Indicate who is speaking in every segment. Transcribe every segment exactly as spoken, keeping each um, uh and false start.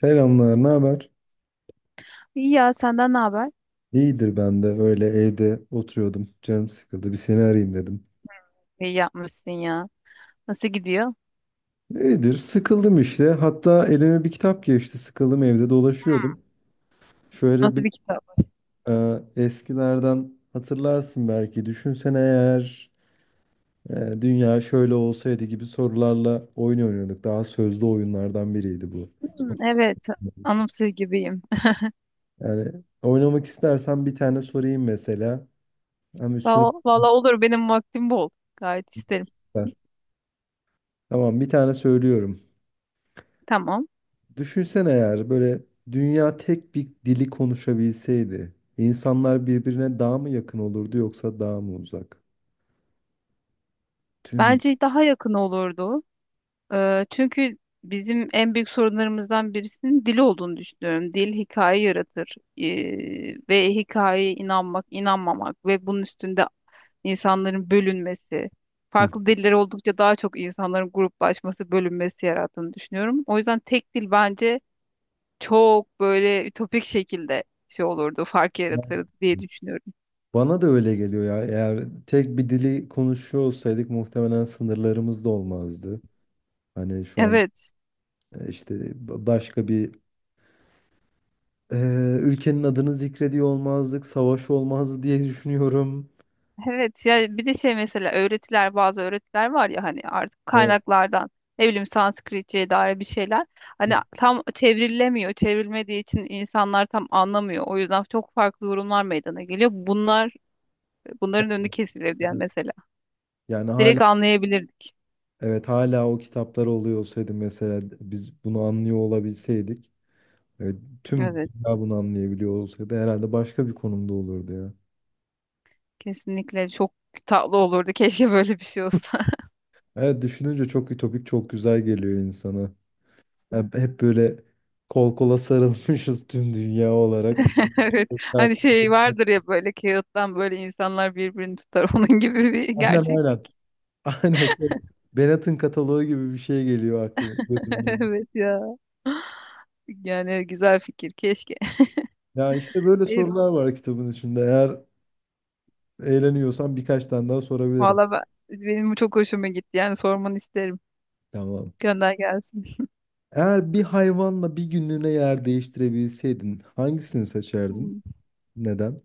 Speaker 1: Selamlar, ne haber?
Speaker 2: İyi ya, senden ne haber?
Speaker 1: İyidir, ben de öyle evde oturuyordum. Canım sıkıldı, bir seni arayayım dedim.
Speaker 2: İyi yapmışsın ya. Nasıl gidiyor?
Speaker 1: İyidir, sıkıldım işte. Hatta elime bir kitap geçti, sıkıldım evde dolaşıyordum. Şöyle
Speaker 2: Nasıl
Speaker 1: bir
Speaker 2: bir kitap?
Speaker 1: e, eskilerden hatırlarsın belki. Düşünsene eğer e, dünya şöyle olsaydı gibi sorularla oyun oynuyorduk. Daha sözlü oyunlardan biriydi bu.
Speaker 2: Hmm, evet. Anımsıyor gibiyim.
Speaker 1: Yani oynamak istersen bir tane sorayım mesela. Hem üstüne
Speaker 2: Va- Valla olur, benim vaktim bol. Gayet isterim.
Speaker 1: ver. Tamam, bir tane söylüyorum.
Speaker 2: Tamam.
Speaker 1: Düşünsene eğer böyle dünya tek bir dili konuşabilseydi, insanlar birbirine daha mı yakın olurdu yoksa daha mı uzak? Tüm
Speaker 2: Bence daha yakın olurdu. Ee, çünkü bizim en büyük sorunlarımızdan birisinin dil olduğunu düşünüyorum. Dil hikaye yaratır. Ee, ve hikayeye inanmak, inanmamak ve bunun üstünde insanların bölünmesi,
Speaker 1: Hı.
Speaker 2: farklı diller oldukça daha çok insanların gruplaşması, bölünmesi yarattığını düşünüyorum. O yüzden tek dil bence çok böyle ütopik şekilde şey olurdu, fark yaratırdı diye düşünüyorum.
Speaker 1: Bana da öyle geliyor ya. Eğer tek bir dili konuşuyor olsaydık muhtemelen sınırlarımız da olmazdı. Hani şu an
Speaker 2: Evet.
Speaker 1: e, işte ba- başka bir e, ülkenin adını zikrediyor olmazdık, savaş olmazdı diye düşünüyorum.
Speaker 2: Evet ya, bir de şey, mesela öğretiler, bazı öğretiler var ya hani, artık
Speaker 1: Evet.
Speaker 2: kaynaklardan ne bileyim Sanskritçe'ye dair bir şeyler, hani tam çevrilemiyor, çevrilmediği için insanlar tam anlamıyor, o yüzden çok farklı yorumlar meydana geliyor, bunlar, bunların önü kesilir diyen
Speaker 1: Evet.
Speaker 2: mesela.
Speaker 1: Yani hala
Speaker 2: Direkt anlayabilirdik.
Speaker 1: evet, hala o kitaplar oluyor olsaydı, mesela biz bunu anlıyor olabilseydik. Evet, tüm
Speaker 2: Evet,
Speaker 1: dünya bunu anlayabiliyor olsaydı herhalde başka bir konumda olurdu ya.
Speaker 2: kesinlikle çok tatlı olurdu. Keşke böyle bir şey olsa.
Speaker 1: Evet, düşününce çok ütopik, çok güzel geliyor insana. Yani hep böyle kol kola sarılmışız tüm dünya olarak.
Speaker 2: Evet. Hani şey vardır ya, böyle kağıttan böyle insanlar birbirini tutar. Onun gibi bir
Speaker 1: Aynen aynen.
Speaker 2: gerçeklik.
Speaker 1: Aynen şey. Bennett'in kataloğu gibi bir şey geliyor aklıma, gözümün önüne.
Speaker 2: Evet ya. Yani güzel fikir. Keşke.
Speaker 1: Ya işte böyle
Speaker 2: Evet,
Speaker 1: sorular var kitabın içinde. Eğer eğleniyorsan birkaç tane daha sorabilirim.
Speaker 2: valla ben- benim bu çok hoşuma gitti. Yani sormanı isterim.
Speaker 1: Tamam.
Speaker 2: Gönder gelsin.
Speaker 1: Eğer bir hayvanla bir günlüğüne yer değiştirebilseydin hangisini seçerdin?
Speaker 2: Hmm.
Speaker 1: Neden?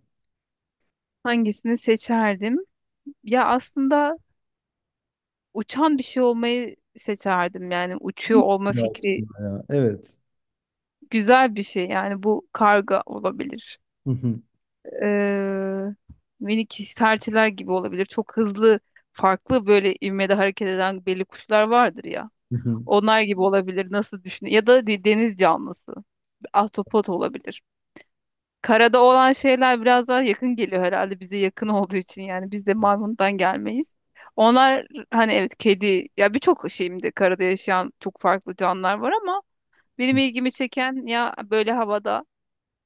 Speaker 2: Hangisini seçerdim? Ya aslında uçan bir şey olmayı seçerdim. Yani uçuyor
Speaker 1: Hiç
Speaker 2: olma
Speaker 1: bile
Speaker 2: fikri
Speaker 1: aslında ya. Evet.
Speaker 2: güzel bir şey, yani bu karga olabilir.
Speaker 1: Hı hı,
Speaker 2: Ee, Minik serçeler gibi olabilir. Çok hızlı, farklı böyle ivmede hareket eden belli kuşlar vardır ya.
Speaker 1: hı hı,
Speaker 2: Onlar gibi olabilir, nasıl düşün, ya da bir deniz canlısı. Bir ahtapot olabilir. Karada olan şeyler biraz daha yakın geliyor herhalde, bize yakın olduğu için, yani biz de maymundan gelmeyiz. Onlar hani, evet, kedi ya, birçok, şimdi karada yaşayan çok farklı canlılar var, ama benim
Speaker 1: hı
Speaker 2: ilgimi çeken ya böyle havada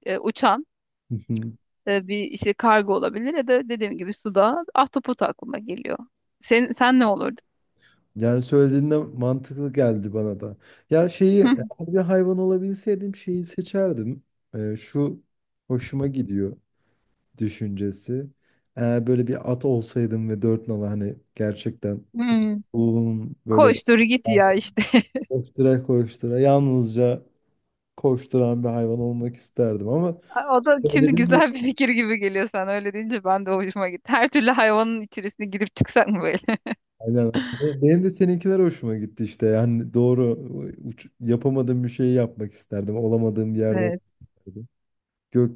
Speaker 2: e, uçan
Speaker 1: hı. Hı.
Speaker 2: e, bir işte, kargo olabilir ya da dediğim gibi suda ahtapot aklıma geliyor. Sen, sen ne olurdu?
Speaker 1: Yani söylediğinde mantıklı geldi bana da. Ya şeyi, eğer bir hayvan olabilseydim şeyi seçerdim. Ee, şu hoşuma gidiyor düşüncesi. Eğer böyle bir at olsaydım ve dört nala, hani gerçekten
Speaker 2: Hmm.
Speaker 1: um, böyle
Speaker 2: Koştur git ya işte.
Speaker 1: koştura koştura, yalnızca koşturan bir hayvan olmak isterdim ama
Speaker 2: O da
Speaker 1: Öyle
Speaker 2: şimdi
Speaker 1: değil mi?
Speaker 2: güzel bir fikir gibi geliyor, sen öyle deyince ben de hoşuma gitti. Her türlü hayvanın içerisine girip çıksak mı böyle?
Speaker 1: Aynen. Benim de seninkiler hoşuma gitti işte. Yani doğru uç- yapamadığım bir şeyi yapmak isterdim. Olamadığım bir yerde olmak
Speaker 2: Evet.
Speaker 1: isterdim.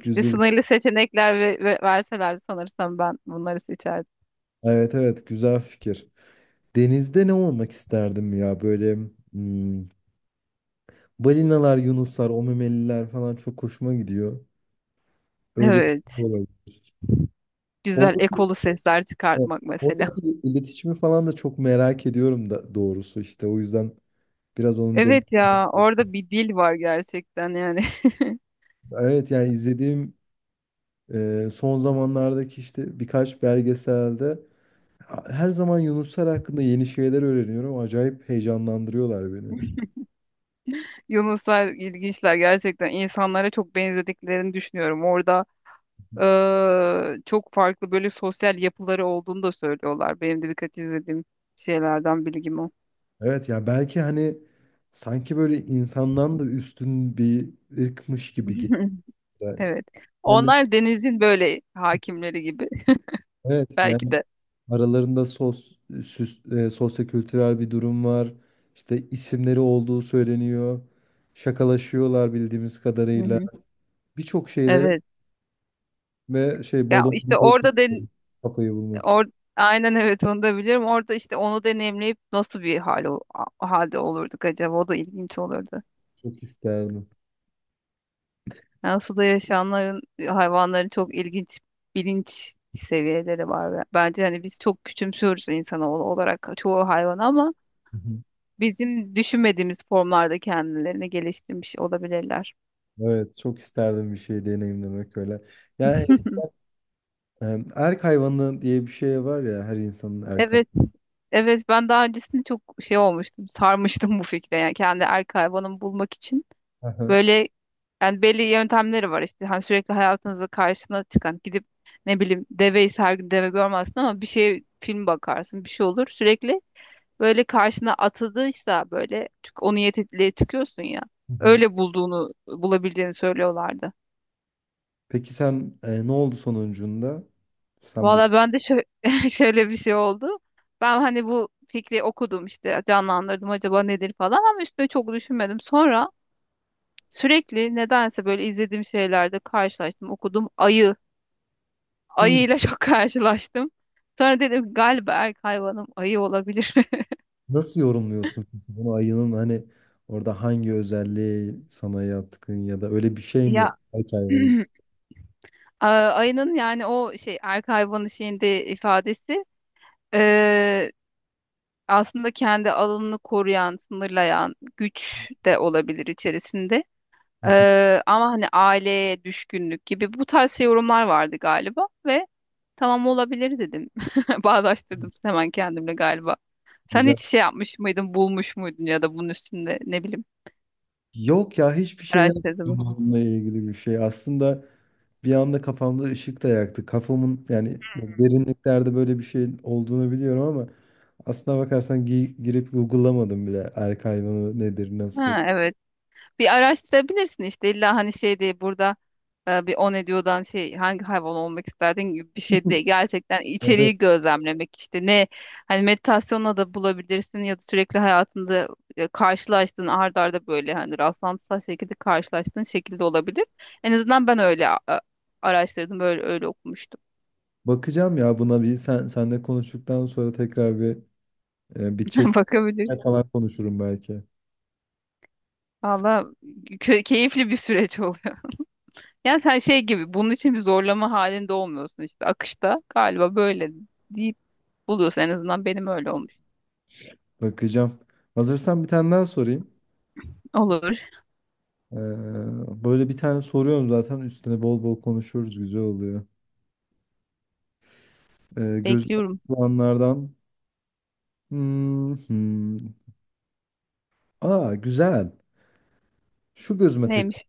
Speaker 2: İşte sınırlı seçenekler ve, ve verseler sanırsam ben bunları seçerdim.
Speaker 1: Evet evet, güzel fikir. Denizde ne olmak isterdim ya, böyle hmm, balinalar, yunuslar, o memeliler falan çok hoşuma gidiyor. Öyle bir şey
Speaker 2: Evet.
Speaker 1: olabilir.
Speaker 2: Güzel
Speaker 1: Oradaki,
Speaker 2: ekolu sesler
Speaker 1: evet,
Speaker 2: çıkartmak mesela.
Speaker 1: oradaki iletişimi falan da çok merak ediyorum da doğrusu işte. O yüzden biraz onun den
Speaker 2: Evet ya, orada bir dil var gerçekten yani.
Speaker 1: Evet yani izlediğim Ee, son zamanlardaki işte birkaç belgeselde her zaman yunuslar hakkında yeni şeyler öğreniyorum. Acayip heyecanlandırıyorlar beni.
Speaker 2: Yunuslar ilginçler gerçekten, insanlara çok benzediklerini düşünüyorum. Orada eee, çok farklı böyle sosyal yapıları olduğunu da söylüyorlar. Benim de birkaç izlediğim şeylerden bilgim o.
Speaker 1: Evet ya, belki hani sanki böyle insandan da üstün bir ırkmış gibi geliyor.
Speaker 2: Evet.
Speaker 1: Hani
Speaker 2: Onlar denizin böyle hakimleri gibi,
Speaker 1: evet
Speaker 2: belki
Speaker 1: yani
Speaker 2: de.
Speaker 1: aralarında sos, süs, e, sosyokültürel bir durum var. İşte isimleri olduğu söyleniyor. Şakalaşıyorlar bildiğimiz
Speaker 2: Hı
Speaker 1: kadarıyla.
Speaker 2: hı.
Speaker 1: Birçok şeyleri
Speaker 2: Evet.
Speaker 1: ve şey,
Speaker 2: Ya
Speaker 1: balon
Speaker 2: işte orada den
Speaker 1: kafayı bulmak
Speaker 2: or aynen, evet, onu da biliyorum. Orada işte onu deneyimleyip nasıl bir hal ol- a- halde olurduk acaba? O da ilginç olurdu.
Speaker 1: Çok isterdim.
Speaker 2: Yani suda yaşayanların, hayvanların çok ilginç bilinç seviyeleri var. Ve bence hani biz çok küçümsüyoruz insanoğlu olarak çoğu hayvanı, ama
Speaker 1: Hı hı.
Speaker 2: bizim düşünmediğimiz formlarda kendilerini geliştirmiş olabilirler.
Speaker 1: Evet, çok isterdim bir şey deneyimlemek öyle. Yani e, erk hayvanı diye bir şey var ya, her insanın erk
Speaker 2: Evet,
Speaker 1: hayvanı.
Speaker 2: evet, ben daha öncesinde çok şey olmuştum, sarmıştım bu fikre. Yani kendi erkek hayvanımı bulmak için
Speaker 1: Aha. Hı
Speaker 2: böyle, yani belli yöntemleri var işte. Hani sürekli hayatınızda karşına çıkan, gidip ne bileyim deveyi, her gün deve görmezsin ama bir şey film bakarsın, bir şey olur, sürekli böyle karşına atıldıysa böyle, çünkü o niyetle çıkıyorsun ya.
Speaker 1: hı.
Speaker 2: Öyle bulduğunu, bulabileceğini söylüyorlardı.
Speaker 1: Peki sen e, ne oldu sonucunda? Sen bu
Speaker 2: Valla ben de şö- şöyle bir şey oldu. Ben hani bu fikri okudum işte, canlandırdım acaba nedir falan, ama üstüne çok düşünmedim. Sonra sürekli nedense böyle izlediğim şeylerde karşılaştım, okudum, ayı.
Speaker 1: Hı.
Speaker 2: Ayıyla çok karşılaştım. Sonra dedim galiba erkek hayvanım ayı olabilir.
Speaker 1: Nasıl yorumluyorsun peki bunu, ayının hani orada hangi özelliği sana yatkın, ya da öyle bir şey mi
Speaker 2: Ya
Speaker 1: erk hayvanı?
Speaker 2: A- ayının yani o şey, erkek hayvanı şeyinde ifadesi, Ee, aslında kendi alanını koruyan, sınırlayan güç de olabilir içerisinde. Ee, ama hani aileye düşkünlük gibi bu tarz şey yorumlar vardı galiba ve tamam olabilir dedim. Bağdaştırdım hemen kendimle galiba. Sen
Speaker 1: Güzel.
Speaker 2: hiç şey yapmış mıydın, bulmuş muydun ya da bunun üstünde ne bileyim
Speaker 1: Yok ya, hiçbir şey yapmadım
Speaker 2: araştırdın mı?
Speaker 1: bununla ilgili bir şey. Aslında bir anda kafamda ışık da yaktı. Kafamın, yani derinliklerde böyle bir şeyin olduğunu biliyorum ama aslına bakarsan gi- girip Google'lamadım bile erkek hayvanı nedir nasıl.
Speaker 2: Ha, evet. Bir araştırabilirsin işte, illa hani şey değil, burada e, bir on ediyordan şey, hangi hayvan olmak isterdin gibi bir şey değil. Gerçekten
Speaker 1: Böyle
Speaker 2: içeriği gözlemlemek işte, ne hani meditasyonla da bulabilirsin ya da sürekli hayatında e, karşılaştığın, art arda böyle hani rastlantısal şekilde karşılaştığın şekilde olabilir. En azından ben öyle a- a- araştırdım, böyle öyle okumuştum.
Speaker 1: bakacağım ya buna, bir sen senle konuştuktan sonra tekrar bir e, bir chat
Speaker 2: Bakabilir.
Speaker 1: falan konuşurum belki.
Speaker 2: Valla kö- keyifli bir süreç oluyor. Yani sen şey gibi bunun için bir zorlama halinde olmuyorsun, işte akışta galiba, böyle değil, buluyorsun, en azından benim öyle olmuş.
Speaker 1: Bakacağım. Hazırsan bir tane daha sorayım.
Speaker 2: Olur.
Speaker 1: Ee, böyle bir tane soruyorum zaten, üstüne bol bol konuşuruz, güzel oluyor. Ee, gözüme
Speaker 2: Bekliyorum.
Speaker 1: takılanlardan. Hmm, hmm. Aa güzel. Şu gözüme tak.
Speaker 2: Neymiş?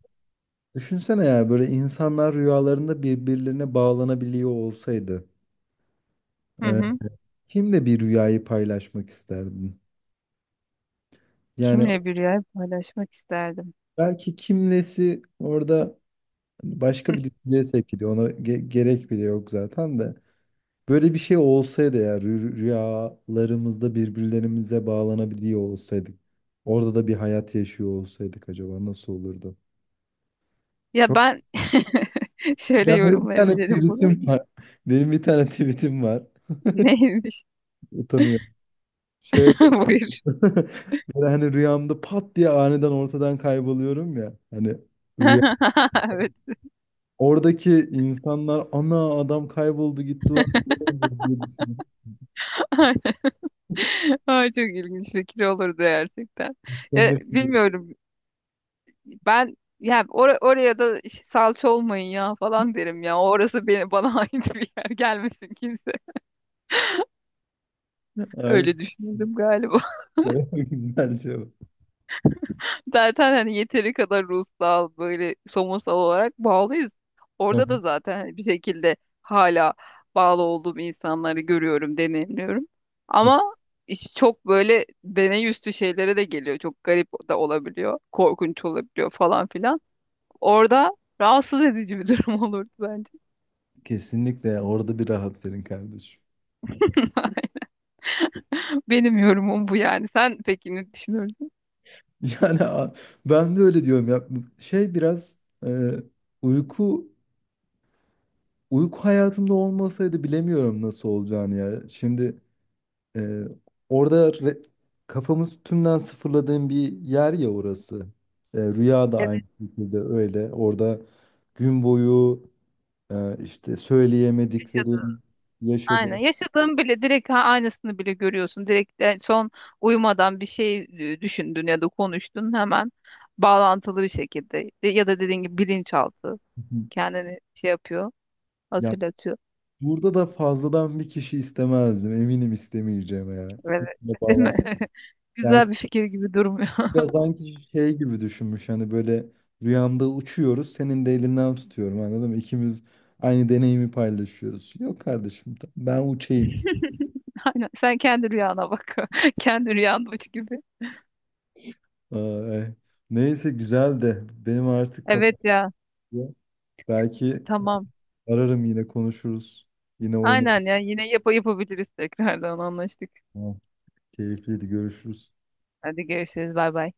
Speaker 1: Düşünsene ya, böyle insanlar rüyalarında birbirlerine bağlanabiliyor olsaydı.
Speaker 2: Hı
Speaker 1: Ee,
Speaker 2: hı.
Speaker 1: kimle bir rüyayı paylaşmak isterdin? Yani
Speaker 2: Kimle bir yer paylaşmak isterdim?
Speaker 1: belki kimlesi orada başka bir düşünceye sevk ediyor. Ona ge- gerek bile yok zaten de. Böyle bir şey olsaydı ya, rü- rüyalarımızda birbirlerimize bağlanabiliyor olsaydık. Orada da bir hayat yaşıyor olsaydık, acaba nasıl olurdu?
Speaker 2: Ya
Speaker 1: Çok
Speaker 2: ben şöyle
Speaker 1: Ya benim bir tane
Speaker 2: yorumlayabilirim bunu.
Speaker 1: tweetim var. Benim bir tane tweetim var.
Speaker 2: Neymiş?
Speaker 1: Utanıyorum. Şöyle
Speaker 2: Buyur.
Speaker 1: böyle hani rüyamda pat diye aniden ortadan kayboluyorum ya. Hani rüya.
Speaker 2: Evet.
Speaker 1: Oradaki insanlar "ana adam kayboldu gitti lan. Ne oldu?" diye düşünüyorum.
Speaker 2: Ay, çok ilginç fikir olurdu gerçekten. Ya
Speaker 1: Disconnect diyor.
Speaker 2: bilmiyorum. Ben ya or- oraya da ş- salça olmayın ya falan derim ya. Orası beni, bana ait bir yer, gelmesin kimse.
Speaker 1: Aynen.
Speaker 2: Öyle düşündüm galiba.
Speaker 1: Güzel şey bu.
Speaker 2: Zaten hani yeteri kadar ruhsal, böyle somutsal olarak bağlıyız.
Speaker 1: Hı
Speaker 2: Orada da
Speaker 1: hı.
Speaker 2: zaten hani bir şekilde hala bağlı olduğum insanları görüyorum, deneyimliyorum. Ama iş çok böyle deney üstü şeylere de geliyor. Çok garip da olabiliyor, korkunç olabiliyor falan filan. Orada rahatsız edici bir durum olurdu bence.
Speaker 1: Kesinlikle, orada bir rahat verin kardeşim.
Speaker 2: Benim yorumum bu yani. Sen peki ne düşünüyorsun?
Speaker 1: Yani a- ben de öyle diyorum ya. Şey biraz e, uyku Uyku hayatımda olmasaydı bilemiyorum nasıl olacağını ya. Şimdi e, orada re- kafamız tümden sıfırladığım bir yer ya orası. E, rüya da aynı şekilde öyle. Orada gün boyu e, işte söyleyemediklerim
Speaker 2: Aynen.
Speaker 1: yaşadığım.
Speaker 2: Yaşadığın bile direkt, ha- aynısını bile görüyorsun. Direkt e, son uyumadan bir şey e, düşündün ya da konuştun, hemen bağlantılı bir şekilde, De- ya da dediğin gibi bilinçaltı kendini şey yapıyor,
Speaker 1: Ya,
Speaker 2: hatırlatıyor.
Speaker 1: burada da fazladan bir kişi istemezdim. Eminim istemeyeceğim ya.
Speaker 2: Evet.
Speaker 1: Hepsine
Speaker 2: Değil
Speaker 1: bağlan.
Speaker 2: mi? Güzel bir fikir gibi durmuyor.
Speaker 1: Ya sanki şey gibi düşünmüş, hani böyle rüyamda uçuyoruz, senin de elinden tutuyorum, anladın mı? İkimiz aynı deneyimi paylaşıyoruz. Yok kardeşim tamam, ben uçayım.
Speaker 2: Aynen. Sen kendi rüyana bak. Kendi rüyanmış gibi.
Speaker 1: Ay, neyse güzel de benim artık
Speaker 2: Evet
Speaker 1: kapatıyor.
Speaker 2: ya.
Speaker 1: Belki
Speaker 2: Tamam.
Speaker 1: ararım, yine konuşuruz. Yine
Speaker 2: Aynen
Speaker 1: oynarız.
Speaker 2: ya. Yine yap yapabiliriz, tekrardan anlaştık.
Speaker 1: Tamam, keyifliydi, görüşürüz.
Speaker 2: Hadi görüşürüz. Bay bay.